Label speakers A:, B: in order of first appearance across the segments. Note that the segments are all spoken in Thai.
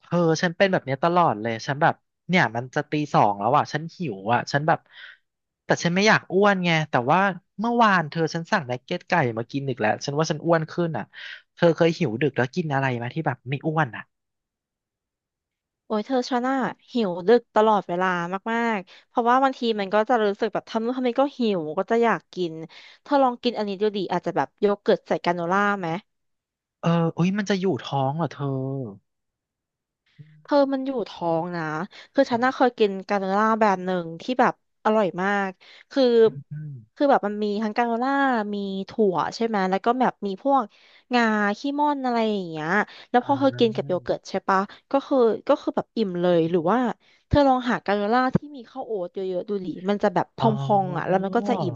A: เธอฉันเป็นแบบเนี้ยตลอดเลยฉันแบบเนี่ยมันจะตี 2แล้วอ่ะฉันหิวอ่ะฉันแบบแต่ฉันไม่อยากอ้วนไงแต่ว่าเมื่อวานเธอฉันสั่งนักเก็ตไก่มากินอีกแล้วฉันว่าฉันอ้วนขึ้นอ่ะเธอเคยหิวดึกแล้วกินอะไรไหมที่แบบไม่อ้วนอ่ะ
B: โอ้ยเธอชานาหิวดึกตลอดเวลามากๆเพราะว่าบางทีมันก็จะรู้สึกแบบทำนู่นทำนี่ก็หิวก็จะอยากกินเธอลองกินอันนี้ดูดิอาจจะแบบโยเกิร์ตใส่กราโนล่าไหม
A: เออเอ้ยมันจะอยู่ท้องเหรอเธอ
B: เธอมันอยู่ท้องนะคือฉันน่า
A: อ
B: เคยกินกราโนล่าแบรนด์หนึ่งที่แบบอร่อยมากคือ
A: ืมอืม
B: คือแบบมันมีทั้งกราโนล่ามีถั่วใช่ไหมแล้วก็แบบมีพวกงาขี้ม่อนอะไรอย่างเงี้ยแล้ว
A: อื
B: พอ
A: ม
B: เธอกินกับโยเกิร์ตใช่ปะก็คือก็คือแบบอิ่มเลยหรือว่าเธอลองหากราโนล่าที่มีข้าวโอ๊ตเยอะๆดูดิมันจะแบบพ
A: อ๋
B: องๆอ่ะแล้ว
A: อ
B: มันก็จะอิ่ม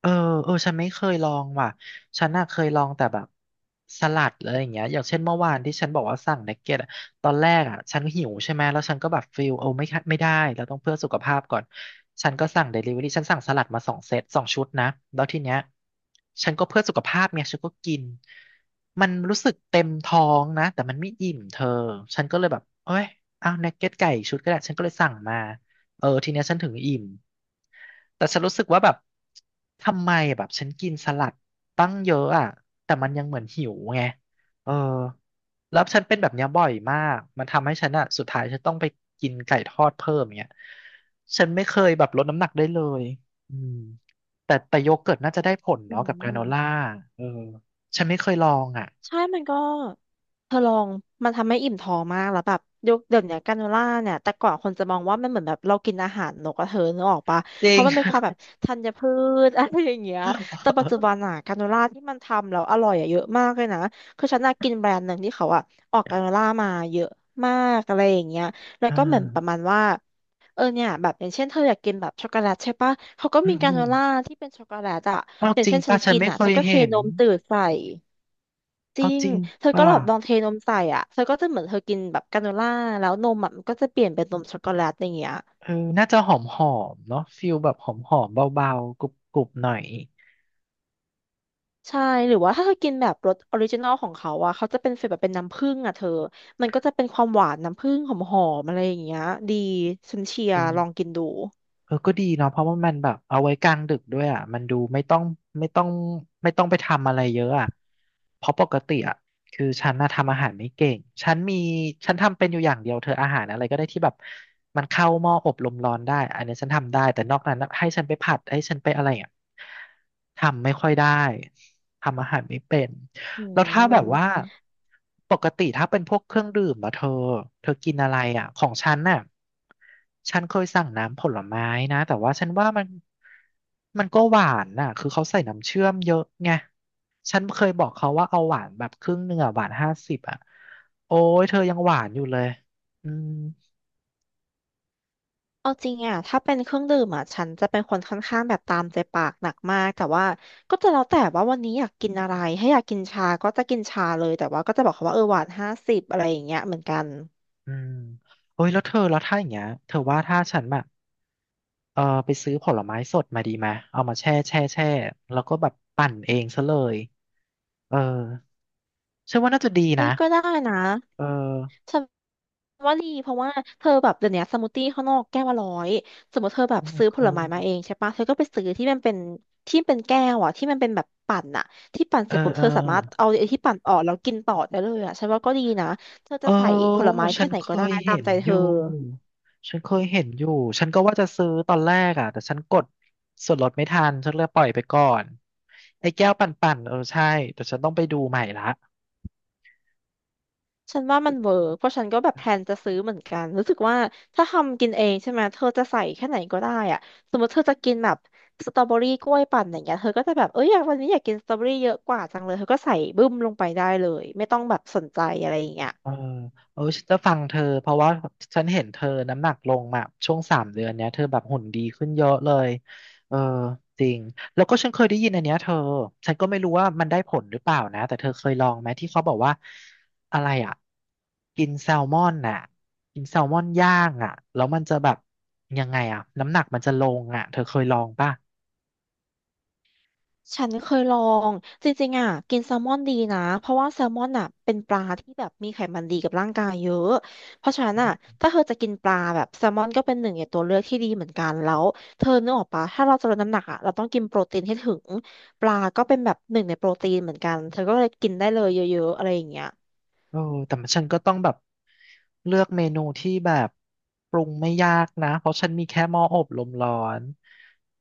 A: เออเออฉันไม่เคยลองว่ะ ฉันน่ะเคยลองแต่แบบสลัดอะไรอย่างเงี้ยอย่างเช่นเมื่อวานที่ฉันบอกว่าสั่งเนกเก็ตอะตอนแรกอ่ะฉันหิวใช่ไหมแล้วฉันก็แบบฟิลโอ้ไม่ค่ะไม่ได้เราต้องเพื่อสุขภาพก่อนฉันก็สั่งเดลิเวอรี่ฉันสั่งสลัดมา2 เซต2 ชุดนะแล้วทีเนี้ยฉันก็เพื่อสุขภาพเนี่ยฉันก็กินมันรู้สึกเต็มท้องนะแต่มันไม่อิ่มเธอฉันก็เลยแบบเอ้ยเอาเนกเก็ตไก่อีกชุดก็ได้ฉันก็เลยสั่งมา เออทีเนี้ยฉันถึงอิ่มแต่ฉันรู้สึกว่าแบบทำไมแบบฉันกินสลัดตั้งเยอะอ่ะแต่มันยังเหมือนหิวไงเออแล้วฉันเป็นแบบเนี้ยบ่อยมากมันทำให้ฉันอ่ะสุดท้ายฉันต้องไปกินไก่ทอดเพิ่มอย่างเงี้ยฉันไม่เคยแบบลดน้ำหนักได้เลยอืมแต่โยเกิร์ตน่าจะได้ผล
B: อื
A: เนาะกับกราโนล่า
B: ม
A: เออฉันไม่เคยลองอ่ะ
B: ใช่มันก็เธอลองมันทำให้อิ่มท้องมากแล้วแบบยกเดี๋ยวเนี้ยกราโนล่าเนี่ยแต่ก่อนคนจะมองว่ามันเหมือนแบบเรากินอาหารนกกระเธอนึกออกปะ
A: จ
B: เพ
A: ริง
B: ราะมันเป็นความแบบธัญพืช อะไรอย่างเงี้ยแต่ปัจจุบันอะกราโนล่าที่มันทำแล้วอร่อยอะเยอะมากเลยนะคือฉันน่ะกินแบรนด์หนึ่งที่เขาอะออกกราโนล่ามาเยอะมากอะไรอย่างเงี้ยแล้ ว
A: อ่า
B: ก็เหมือนประมาณว่าเออเนี่ยแบบอย่างเช่นเธออยากกินแบบช็อกโกแลตใช่ปะเขาก็
A: อื
B: มี
A: ม
B: ก
A: อื
B: ราโน
A: ม
B: ล่าที่เป็นช็อกโกแลตอะ
A: เอา
B: อย่า
A: จ
B: ง
A: ริง
B: เช่นฉั
A: ป่ะ
B: น
A: ฉัน
B: กิน
A: ไม่
B: อะ
A: เค
B: ฉั
A: ย
B: นก็เท
A: เห็น
B: นมตื่นใส่ จ
A: เอา
B: ริง
A: จริง
B: เธอก็
A: ป่ะ
B: แบบลองเทนมใส่อ่ะเธอก็จะเหมือนเธอกินแบบกราโนล่าแล้วนมอะมันก็จะเปลี่ยนเป็นนมช็อกโกแลตอย่างเงี้ย
A: เออน่าจะหอมหอมเนาะฟิลแบบหอมหอมเบาๆกรุบกรุบหน่อย
B: ใช่หรือว่าถ้าเธอกินแบบรสออริจินอลของเขาอ่ะเขาจะเป็นฟีลแบบเป็นน้ำผึ้งอ่ะเธอมันก็จะเป็นความหวานน้ำผึ้งหอมๆอะไรอย่างเงี้ยดีฉันเชีย
A: เอ
B: ร์ลอง
A: อ
B: กินดู
A: เออก็ดีเนาะเพราะว่ามันแบบเอาไว้กลางดึกด้วยอ่ะมันดูไม่ต้องไม่ต้องไม่ต้องไปทำอะไรเยอะอ่ะเพราะปกติอ่ะคือฉันน่ะทำอาหารไม่เก่งฉันมีฉันทำเป็นอยู่อย่างเดียวเธออาหารอะไรก็ได้ที่แบบมันเข้าหม้ออบลมร้อนได้อันนี้ฉันทำได้แต่นอกนั้นน่ะให้ฉันไปผัดให้ฉันไปอะไรอ่ะทำไม่ค่อยได้ทำอาหารไม่เป็น
B: อื
A: แล้วถ้าแบบว่า
B: ม
A: ปกติถ้าเป็นพวกเครื่องดื่มอะเธอเธอกินอะไรอะของฉันน่ะฉันเคยสั่งน้ำผลไม้นะแต่ว่าฉันว่ามันก็หวานน่ะคือเขาใส่น้ำเชื่อมเยอะไงฉันเคยบอกเขาว่าเอาหวานแบบครึ่งหนึ่งอะหวาน50อะโอ้ยเธอยังหวานอยู่เลยอืม
B: เอาจริงอ่ะถ้าเป็นเครื่องดื่มอ่ะฉันจะเป็นคนค่อนข้างแบบตามใจปากหนักมากแต่ว่าก็จะแล้วแต่ว่าวันนี้อยากกินอะไรถ้าอยากกินชาก็จะกินชาเลยแต่ว่าก็จะบอกเขาว่าเออหวาน 50อะไรอย่างเงี้ยเหมือนกัน
A: อืมโอ้ยแล้วเธอแล้วถ้าอย่างเงี้ยเธอว่าถ้าฉันแบบเออไปซื้อผลไม้สดมาดีไหมเอามาแช่แช่แช่แล้วก็แบบปั่นเองซะเลย เออฉันว่าน่าจะดี
B: เอ้
A: นะ
B: ยก็ได้นะ
A: เออ
B: ฉันว่าดีเพราะว่าเธอแบบเดี๋ยวนี้สมูทตี้ข้างนอกแก้วละร้อยสมมติเธอแบบ
A: Oh my
B: ซื้อผลไม้มา
A: god
B: เองใช่ปะเธอก็ไปซื้อที่มันเป็นที่เป็นแก้วอ่ะที่มันเป็นแบบปั่นอ่ะที่ปั่น
A: เอ
B: เส
A: อ
B: ร็จปุ๊บ
A: เออ
B: เธอสามารถเอาไอ้ที่ปั่นออกแล้วกินต่อได้เลยอ่ะฉันว่าก็ดีนะเธอ
A: เอ
B: จะ
A: อ
B: ใส่ผลไม้
A: ฉั
B: แค่
A: น
B: ไหน
A: เค
B: ก็ได้
A: ย
B: ตาม
A: เห็น
B: ใจเธ
A: อ
B: อ
A: ยู่ฉันเคยเห็นอยู่ฉันก็ว่าจะซื้อตอนแรกอ่ะแต่ฉันกดส่วนลดไม่ทันฉันเลยปล่อยไปก่อนไอ้แก้วปั่นๆเออใช่แต่ฉันต้องไปดูใหม่ละ
B: ฉันว่ามันเวิร์กเพราะฉันก็แบบแพลนจะซื้อเหมือนกันรู้สึกว่าถ้าทำกินเองใช่ไหม เธอจะใส่แค่ไหนก็ได้อะสมมติเธอจะกินแบบสตรอเบอรี่กล้วยปั่นอย่างเงี้ยเธอก็จะแบบเอ้ยอยากวันนี้อยากกินสตรอเบอรี่เยอะกว่าจังเลย เธอก็ใส่บึ้มลงไปได้เลยไม่ต้องแบบสนใจอะไรอย่างเงี้ย
A: เออเออฉันจะฟังเธอเพราะว่าฉันเห็นเธอน้ำหนักลงมาช่วง3 เดือนเนี้ยเธอแบบหุ่นดีขึ้นเยอะเลยเออจริงแล้วก็ฉันเคยได้ยินอันเนี้ยเธอฉันก็ไม่รู้ว่ามันได้ผลหรือเปล่านะแต่เธอเคยลองไหมที่เขาบอกว่าอะไรอ่ะกินแซลมอนน่ะกินแซลมอนย่างอ่ะแล้วมันจะแบบยังไงอ่ะน้ำหนักมันจะลงอ่ะเธอเคยลองป่ะ
B: ฉันเคยลองจริงๆอ่ะกินแซลมอนดีนะเพราะว่าแซลมอนอ่ะเป็นปลาที่แบบมีไขมันดีกับร่างกายเยอะเพราะฉะนั้นอ่ะถ้าเธอจะกินปลาแบบแซลมอนก็เป็นหนึ่งในตัวเลือกที่ดีเหมือนกันแล้วเธอนึกออกปะถ้าเราจะลดน้ำหนักอ่ะเราต้องกินโปรตีนให้ถึงปลาก็เป็นแบบหนึ่งในโปรตีนเหมือนกันเธอก็เลยกินได้เลยเยอะๆอะไรอย่างเงี้ย
A: เออแต่ฉันก็ต้องแบบเลือกเมนูที่แบบปรุงไม่ยากนะเพราะฉันมีแค่หม้ออบลมร้อน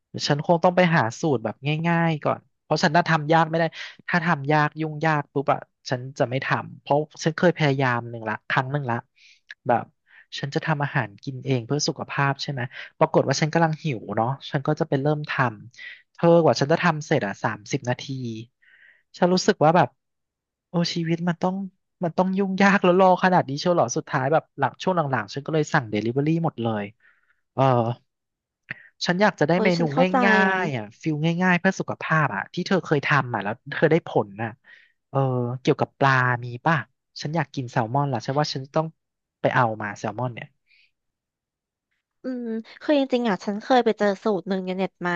A: เดี๋ยวฉันคงต้องไปหาสูตรแบบง่ายๆก่อนเพราะฉันน่าทำยากไม่ได้ถ้าทำยากยุ่งยากปุ๊บอะฉันจะไม่ทำเพราะฉันเคยพยายามหนึ่งละครั้งหนึ่งละแบบฉันจะทำอาหารกินเองเพื่อสุขภาพใช่ไหมปรากฏว่าฉันกำลังหิวเนาะฉันก็จะไปเริ่มทำ เธอกว่าฉันจะทำเสร็จอ่ะ30 นาที ฉันรู้สึกว่าแบบโอ้ชีวิตมันต้องยุ่งยากแล้วรอขนาดนี้เชียวเหรอสุดท้ายแบบหลังช่วงหลังๆฉันก็เลยสั่งเดลิเวอรี่หมดเลย เออฉันอยากจะได้
B: เอ้
A: เม
B: ย
A: นู
B: ฉันเข้าใจ
A: ง่ายๆอ่ะฟิลง่ายๆเพื่อสุขภาพอ่ะที่เธอเคยทำอ่ะแล้วเธอได้ผลน่ะเออเกี่ยวกับปลามีป่ะฉันอยากกินแซลมอนละฉันว่าฉันต้องไปเอามาแซลมอนเนี่ย
B: อืมคือจริงๆอ่ะฉันเคยไปเจอสูตรหนึ่งในเน็ตมา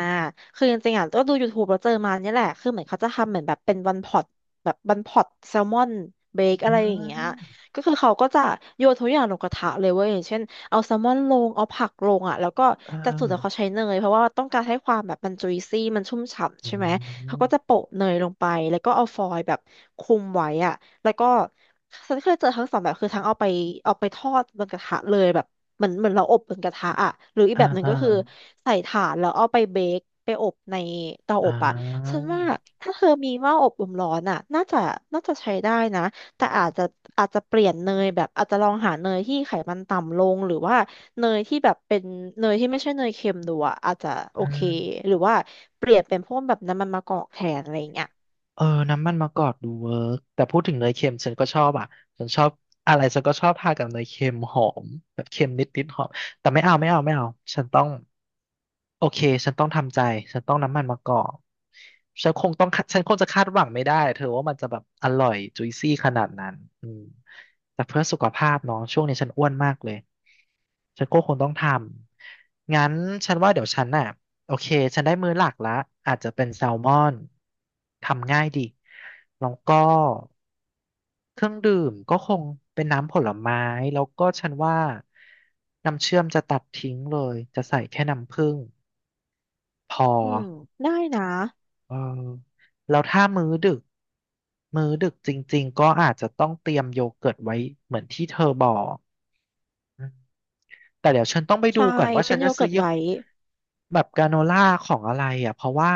B: คือจริงๆอ่ะก็ดู YouTube แล้วเจอมาเนี่ยแหละคือเหมือนเขาจะทำเหมือนแบบเป็นวันพอตแบบวันพอตแซลมอนเบค
A: อื
B: อะไรอย่างเงี้ย
A: ม
B: ก็คือเขาก็จะโยนทุกอย่างลงกระทะเลยเว้ยอย่างเช่นเอาแซลมอนลงเอาผักลงอ่ะแล้วก็
A: เอ
B: แต่สูตรเนี่ยเขา
A: อ
B: ใช้เนยเพราะว่าต้องการให้ความแบบมันจุยซี่มันชุ่มฉ่ำ
A: อื
B: ใช่ไหมเขา
A: ม
B: ก็จะโปะเนยลงไปแล้วก็เอาฟอยล์แบบคลุมไว้อ่ะแล้วก็ฉันเคยเจอทั้งสองแบบคือทั้งเอาไปเอาไปทอดบนกระทะเลยแบบ เหมือนเหมือนเราอบบนกระทะอ่ะหรืออี
A: เอ
B: ก
A: อ
B: แบบหนึ่
A: เอ
B: ง
A: อ
B: ก็คือใส่ถ่านแล้วเอาไปเบคไปอบในเตาอ
A: อ่
B: บอ่ะฉั
A: า
B: นว่าถ้าเธอมีหม้ออบลมร้อนอ่ะน่าจะใช้ได้นะแต่อาจจะเปลี่ยนเนยแบบอาจจะลองหาเนยที่ไขมันต่ำลงหรือว่าเนยที่แบบเป็นเนยที่ไม่ใช่เนยเค็มดูอ่ะอาจจะโอ
A: อื
B: เค
A: ม
B: หรือว่าเปลี่ยนเป็นพวกแบบน้ำมันมะกอกแทนอะไรอย่างเงี้ย
A: เออน้ำมันมะกอกดูเวิร์กแต่พูดถึงเนยเค็มฉันก็ชอบอ่ะฉันชอบอะไรฉันก็ชอบทากับเนยเค็มหอมแบบเค็มนิดๆหอมแต่ไม่เอาไม่เอาไม่เอาฉันต้องโอเคฉันต้องทำใจฉันต้องน้ำมันมะกอกฉันคงต้องคาฉันคงจะคาดหวังไม่ได้เธอว่ามันจะแบบอร่อยจุยซี่ขนาดนั้นอืมแต่เพื่อสุขภาพเนาะช่วงนี้ฉันอ้วนมากเลยฉันก็คงต้องทำงั้นฉันว่าเดี๋ยวฉันน่ะ โอเค ฉันได้มื้อหลักละอาจจะเป็นแซลมอน ทำง่ายดีแล้วก็เครื่องดื่มก็คงเป็นน้ำผลไม้ แล้วก็ฉันว่าน้ำเชื่อมจะตัดทิ้งเลย จะใส่แค่น้ำผึ้งพอ
B: อืมได้นะ
A: เออแล้วถ้ามื้อดึก มื้อดึกจริงๆก็อาจจะต้องเตรียมโยเกิร์ตไว้เหมือนที่เธอบอก แต่เดี๋ยวฉันต้องไปดู
B: ใช่
A: ก่อนว่า
B: เป็
A: ฉั
B: น
A: น
B: โย
A: จะซื้
B: เกิ
A: อ
B: ร์ต
A: ยี่ห้
B: ไว้
A: อแบบกราโนล่าของอะไรอ่ะเพราะว่า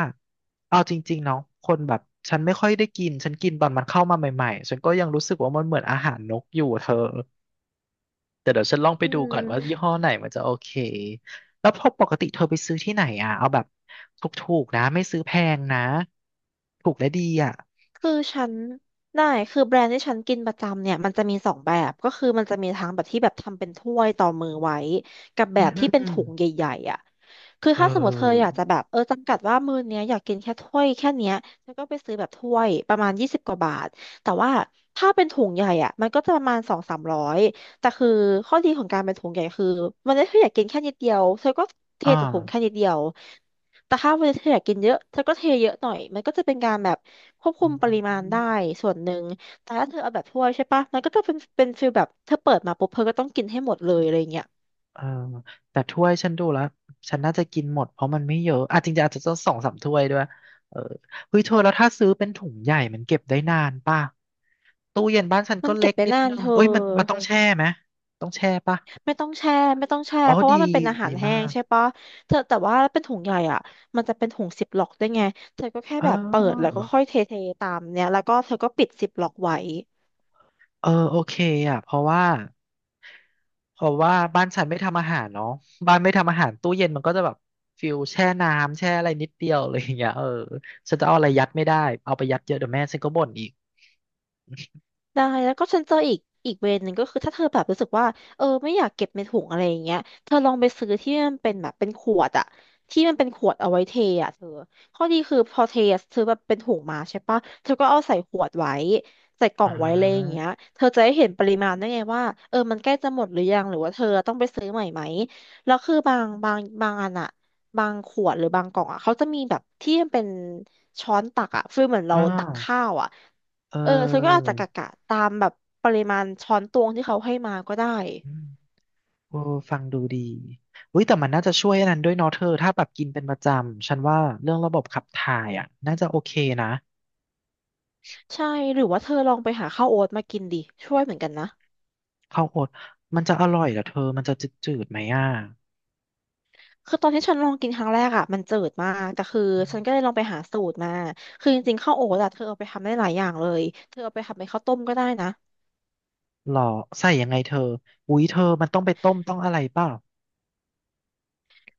A: เอาจริงๆเนาะคนแบบฉันไม่ค่อยได้กินฉันกินตอนมันเข้ามาใหม่ๆฉันก็ยังรู้สึกว่ามันเหมือนอาหารนกอยู่เธอแต่เดี๋ยวฉันลองไป
B: อื
A: ดูก่อนว่า
B: ม
A: ยี่ห้อไหนมันจะโอเคแล้วพอปกติเธอไปซื้อที่ไหนอ่ะเอาแบบถูกๆนะไม่ซื้อแพงนะถูกและดีอ่ะ
B: คือฉันได้คือแบรนด์ที่ฉันกินประจำเนี่ยมันจะมีสองแบบก็คือมันจะมีทั้งแบบที่แบบทำเป็นถ้วยต่อมือไว้กับแบ
A: อืม
B: บ
A: อื
B: ที่
A: ม
B: เป็น
A: อืม
B: ถุงใหญ่ๆอ่ะคือ
A: เอ
B: ถ้าสมมติเธออ
A: อ
B: ยากจะแบบเออจำกัดว่ามื้อเนี้ยอยากกินแค่ถ้วยแค่เนี้ยเธอก็ไปซื้อแบบถ้วยประมาณ20 กว่าบาทแต่ว่าถ้าเป็นถุงใหญ่อ่ะมันก็จะประมาณ2-3 ร้อยแต่คือข้อดีของการเป็นถุงใหญ่คือมันได้เธออยากกินแค่นิดเดียวเธอก็เท
A: อ่า
B: จากถุงแค่นิดเดียว แต่ถ้าวันนี้เธออยากกินเยอะเธอก็เทเยอะหน่อยมันก็จะเป็นการแบบควบ
A: อ
B: คุมปริมาณ
A: ื
B: ได้
A: ม
B: ส่วนหนึ่งแต่ถ้าเธอเอาแบบถ้วยใช่ปะมันก็จะเป็นฟีลแบบเธอเปิดมาปุ๊บเธอก็ต้องกินให้หมดเลยอะไรเงี้ย
A: เออแต่ถ้วยฉันดูแล้วฉันน่าจะกินหมดเพราะมันไม่เยอะอ่ะจริงๆอาจจะต้องสองสามถ้วยด้วยเออเฮ้ยเธอแล้วถ้าซื้อเป็นถุงใหญ่มันเก็บได้นานป่ะตู้เย็นบ้านฉัน
B: มั
A: ก็
B: น
A: เล็
B: เก็บ
A: ก
B: ได้
A: นิด
B: นาน
A: นึง
B: เธอ
A: เอ้ยมันต้องแช่ไหมต้องแช่ป่ะ
B: ไม่ต้องแช่ไม่ต้องแช่
A: อ๋อ
B: เพราะ
A: ดี
B: ว่ามันเป็นอาหา
A: ดี
B: รแห้
A: มา
B: ง
A: ก
B: ใช่ปะเธอแต่ว่าเป็นถุงใหญ่อ่ะมันจะเป็นถุงซิปล็อกได้วยไงเธอก็แค่
A: เอ
B: แบบเปิดแล้ว
A: อ
B: ก็ค่อยเทเทตามเนี้ยแล้วก็เธอก็ปิดซิปล็อกไว้
A: เออโอเคอ่ะเพราะว่าบ้านฉันไม่ทำอาหารเนาะบ้านไม่ทำอาหารตู้เย็นมันก็จะแบบฟิลแช่น้ำแช่อะไรนิดเดียวอะไรอย่างเงี้ยเออฉันจะเอาอะไรยัดไม่ได้เอาไปยัดเยอะเดี๋ยวแม่ฉันก็บ่นอีก
B: ได้แล้วก็ฉันเจออีกอีกเวย์หนึ่งก็คือถ้าเธอแบบรู้สึกว่าเออไม่อยากเก็บในถุงอะไรอย่างเงี้ยเธอลองไปซื้อที่มันเป็นแบบเป็นขวดอะที่มันเป็นขวดเอาไว้เทอะเธอข้อดีคือพอเทซื้อแบบเป็นถุงมาใช่ปะเธอก็เอาใส่ขวดไว้ใส่กล่อ
A: อ่
B: งไว้เลยอย่าง
A: า
B: เงี้ยเธอจะได้เห็นปริมาณได้ไงว่าเออมันใกล้จะหมดหรือยังหรือว่าเธอต้องไปซื้อใหม่ไหมแล้วคือบางอันอะบางขวดหรือบางกล่องอะเขาจะมีแบบที่มันเป็นช้อนตักอะฟีลเหมือน
A: อ่
B: เราตัก
A: า
B: ข้าวอะ
A: อเ
B: เออฉันก็อาจ
A: ออ
B: จะกะตามแบบปริมาณช้อนตวงที่เขาให้มาก็ได้
A: อืมโอ้ฟังดูดีอุ้ยแต่มันน่าจะช่วยอันนั้นด้วยเนาะเธอ ถ้าแบบกินเป็นประจำ ฉันว่าเรื่องระบบขับถ่ายอ่ะน่าจะโอเคนะ
B: ใช่หรือว่าเธอลองไปหาข้าวโอ๊ตมากินดิช่วยเหมือนกันนะ
A: ข้าวโอ๊ตมันจะอร่อยเหรอเธอ มันจะจืดๆไหมอ่ะ
B: คือตอนที่ฉันลองกินครั้งแรกอ่ะมันจืดมากแต่คือ
A: อื
B: ฉันก็เล
A: ม
B: ยลองไปหาสูตรมาคือจริงๆข้าวโอ๊ตอะเธอเอาไปทำได้หลายอย่างเลยเธอเอาไปทำเป็นข้าวต้มก็ได้นะ
A: หรอใส่ยังไงเธออุ้ยเธอ มันต้องไปต้มต้องอะไรเปล่า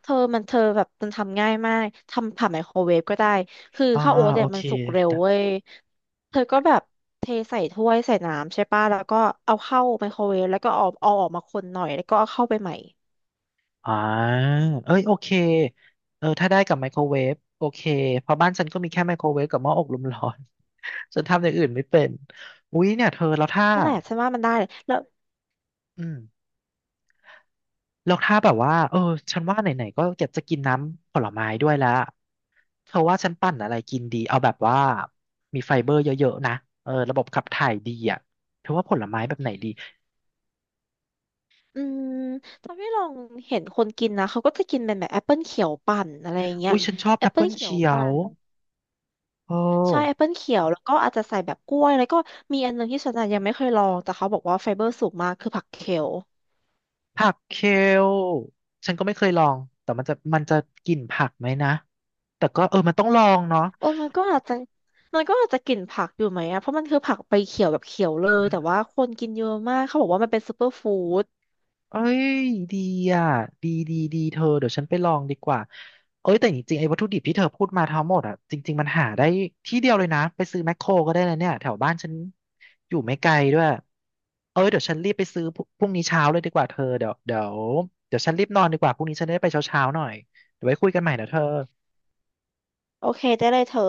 B: เธอมันเธอแบบมันทำง่ายมากทำผ่านไมโครเวฟก็ได้คือ
A: อ่า
B: ข้าวโอ๊ต
A: โอ
B: เนี่ย
A: เค
B: มันสุกเร็วเว้ยเธอก็แบบเทใส่ถ้วยใส่น้ำใช่ป่ะแล้วก็เอาเข้าไมโครเวฟแล้วก็เอาออกมาคนหน่อยแล้วก็เอาเข้าไปใหม่
A: อ่าเอ้ยโอเคเออถ้าได้กับไมโครเวฟโอเคเพราะบ้านฉันก็มีแค่ไมโครเวฟกับหม้ออบลมร้อน ฉันทำอย่างอื่นไม่เป็นอุ๊ยเนี่ยเธอแล้วถ้า
B: นั่นแหละฉันว่ามันได้เลยแล้ว
A: อืมแล้วถ้าแบบว่าเออฉันว่าไหนๆก็อยากจะกินน้ำผลไม้ด้วยแล้วเธอว่าฉันปั่นอะไรกินดีเอาแบบว่ามีไฟเบอร์เยอะๆนะเออระบบขับถ่ายดีอ่ะเธอว่าผลไม้แบบไหนดี
B: อืมตอนที่ลองเห็นคนกินนะเขาก็จะกินเป็นแบบแอปเปิลเขียวปั่นอะไรอย่างเงี้ย
A: อุ๊ยฉันชอบ
B: แอ
A: แอ
B: ป
A: ป
B: เปิ
A: เปิ
B: ล
A: ล
B: เขียว
A: เขีย
B: ปั่
A: ว
B: น
A: เออ
B: ใช่แอปเปิลเขียวแล้วก็อาจจะใส่แบบกล้วยแล้วก็มีอันหนึงที่ฉันอะยังไม่เคยลองแต่เขาบอกว่าไฟเบอร์สูงมากคือผักเคล
A: ผักเคลฉันก็ไม่เคยลอง แต่มันจะกลิ่นผักไหมนะ แต่ก็เออมันต้องลองเนาะ
B: โอ้มันก็อาจจะมันก็อาจจะกลิ่นผักอยู่ไหมอะเพราะมันคือผักใบเขียวแบบเขียวเล
A: เอ
B: ยแต่ว่า
A: อ
B: คนกินเยอะมากเขาบอกว่ามันเป็นซูเปอร์ฟู้ด
A: เอ้ยดีอ่ะดีดีดีเธอเดี๋ยวฉันไปลองดีกว่าเอ้ยแต่จริงๆไอ้วัตถุดิบที่เธอพูดมาทั้งหมดอ่ะจริงๆมันหาได้ที่เดียวเลยนะ ไปซื้อแมคโครก็ได้เลยเนี่ยแถวบ้านฉันอยู่ไม่ไกลด้วยเอ้ยเดี๋ยวฉันรีบไปซื้อพรุ่งนี้เช้าเลยดีกว่าเธอเดี๋ยวเดี๋ยวฉันรีบนอนดีกว่าพรุ่งนี้ฉันได้ไปเช้าๆหน่อยเดี๋ยวไว้คุยกันใหม่นะเธอ
B: โอเคได้เลยเธอ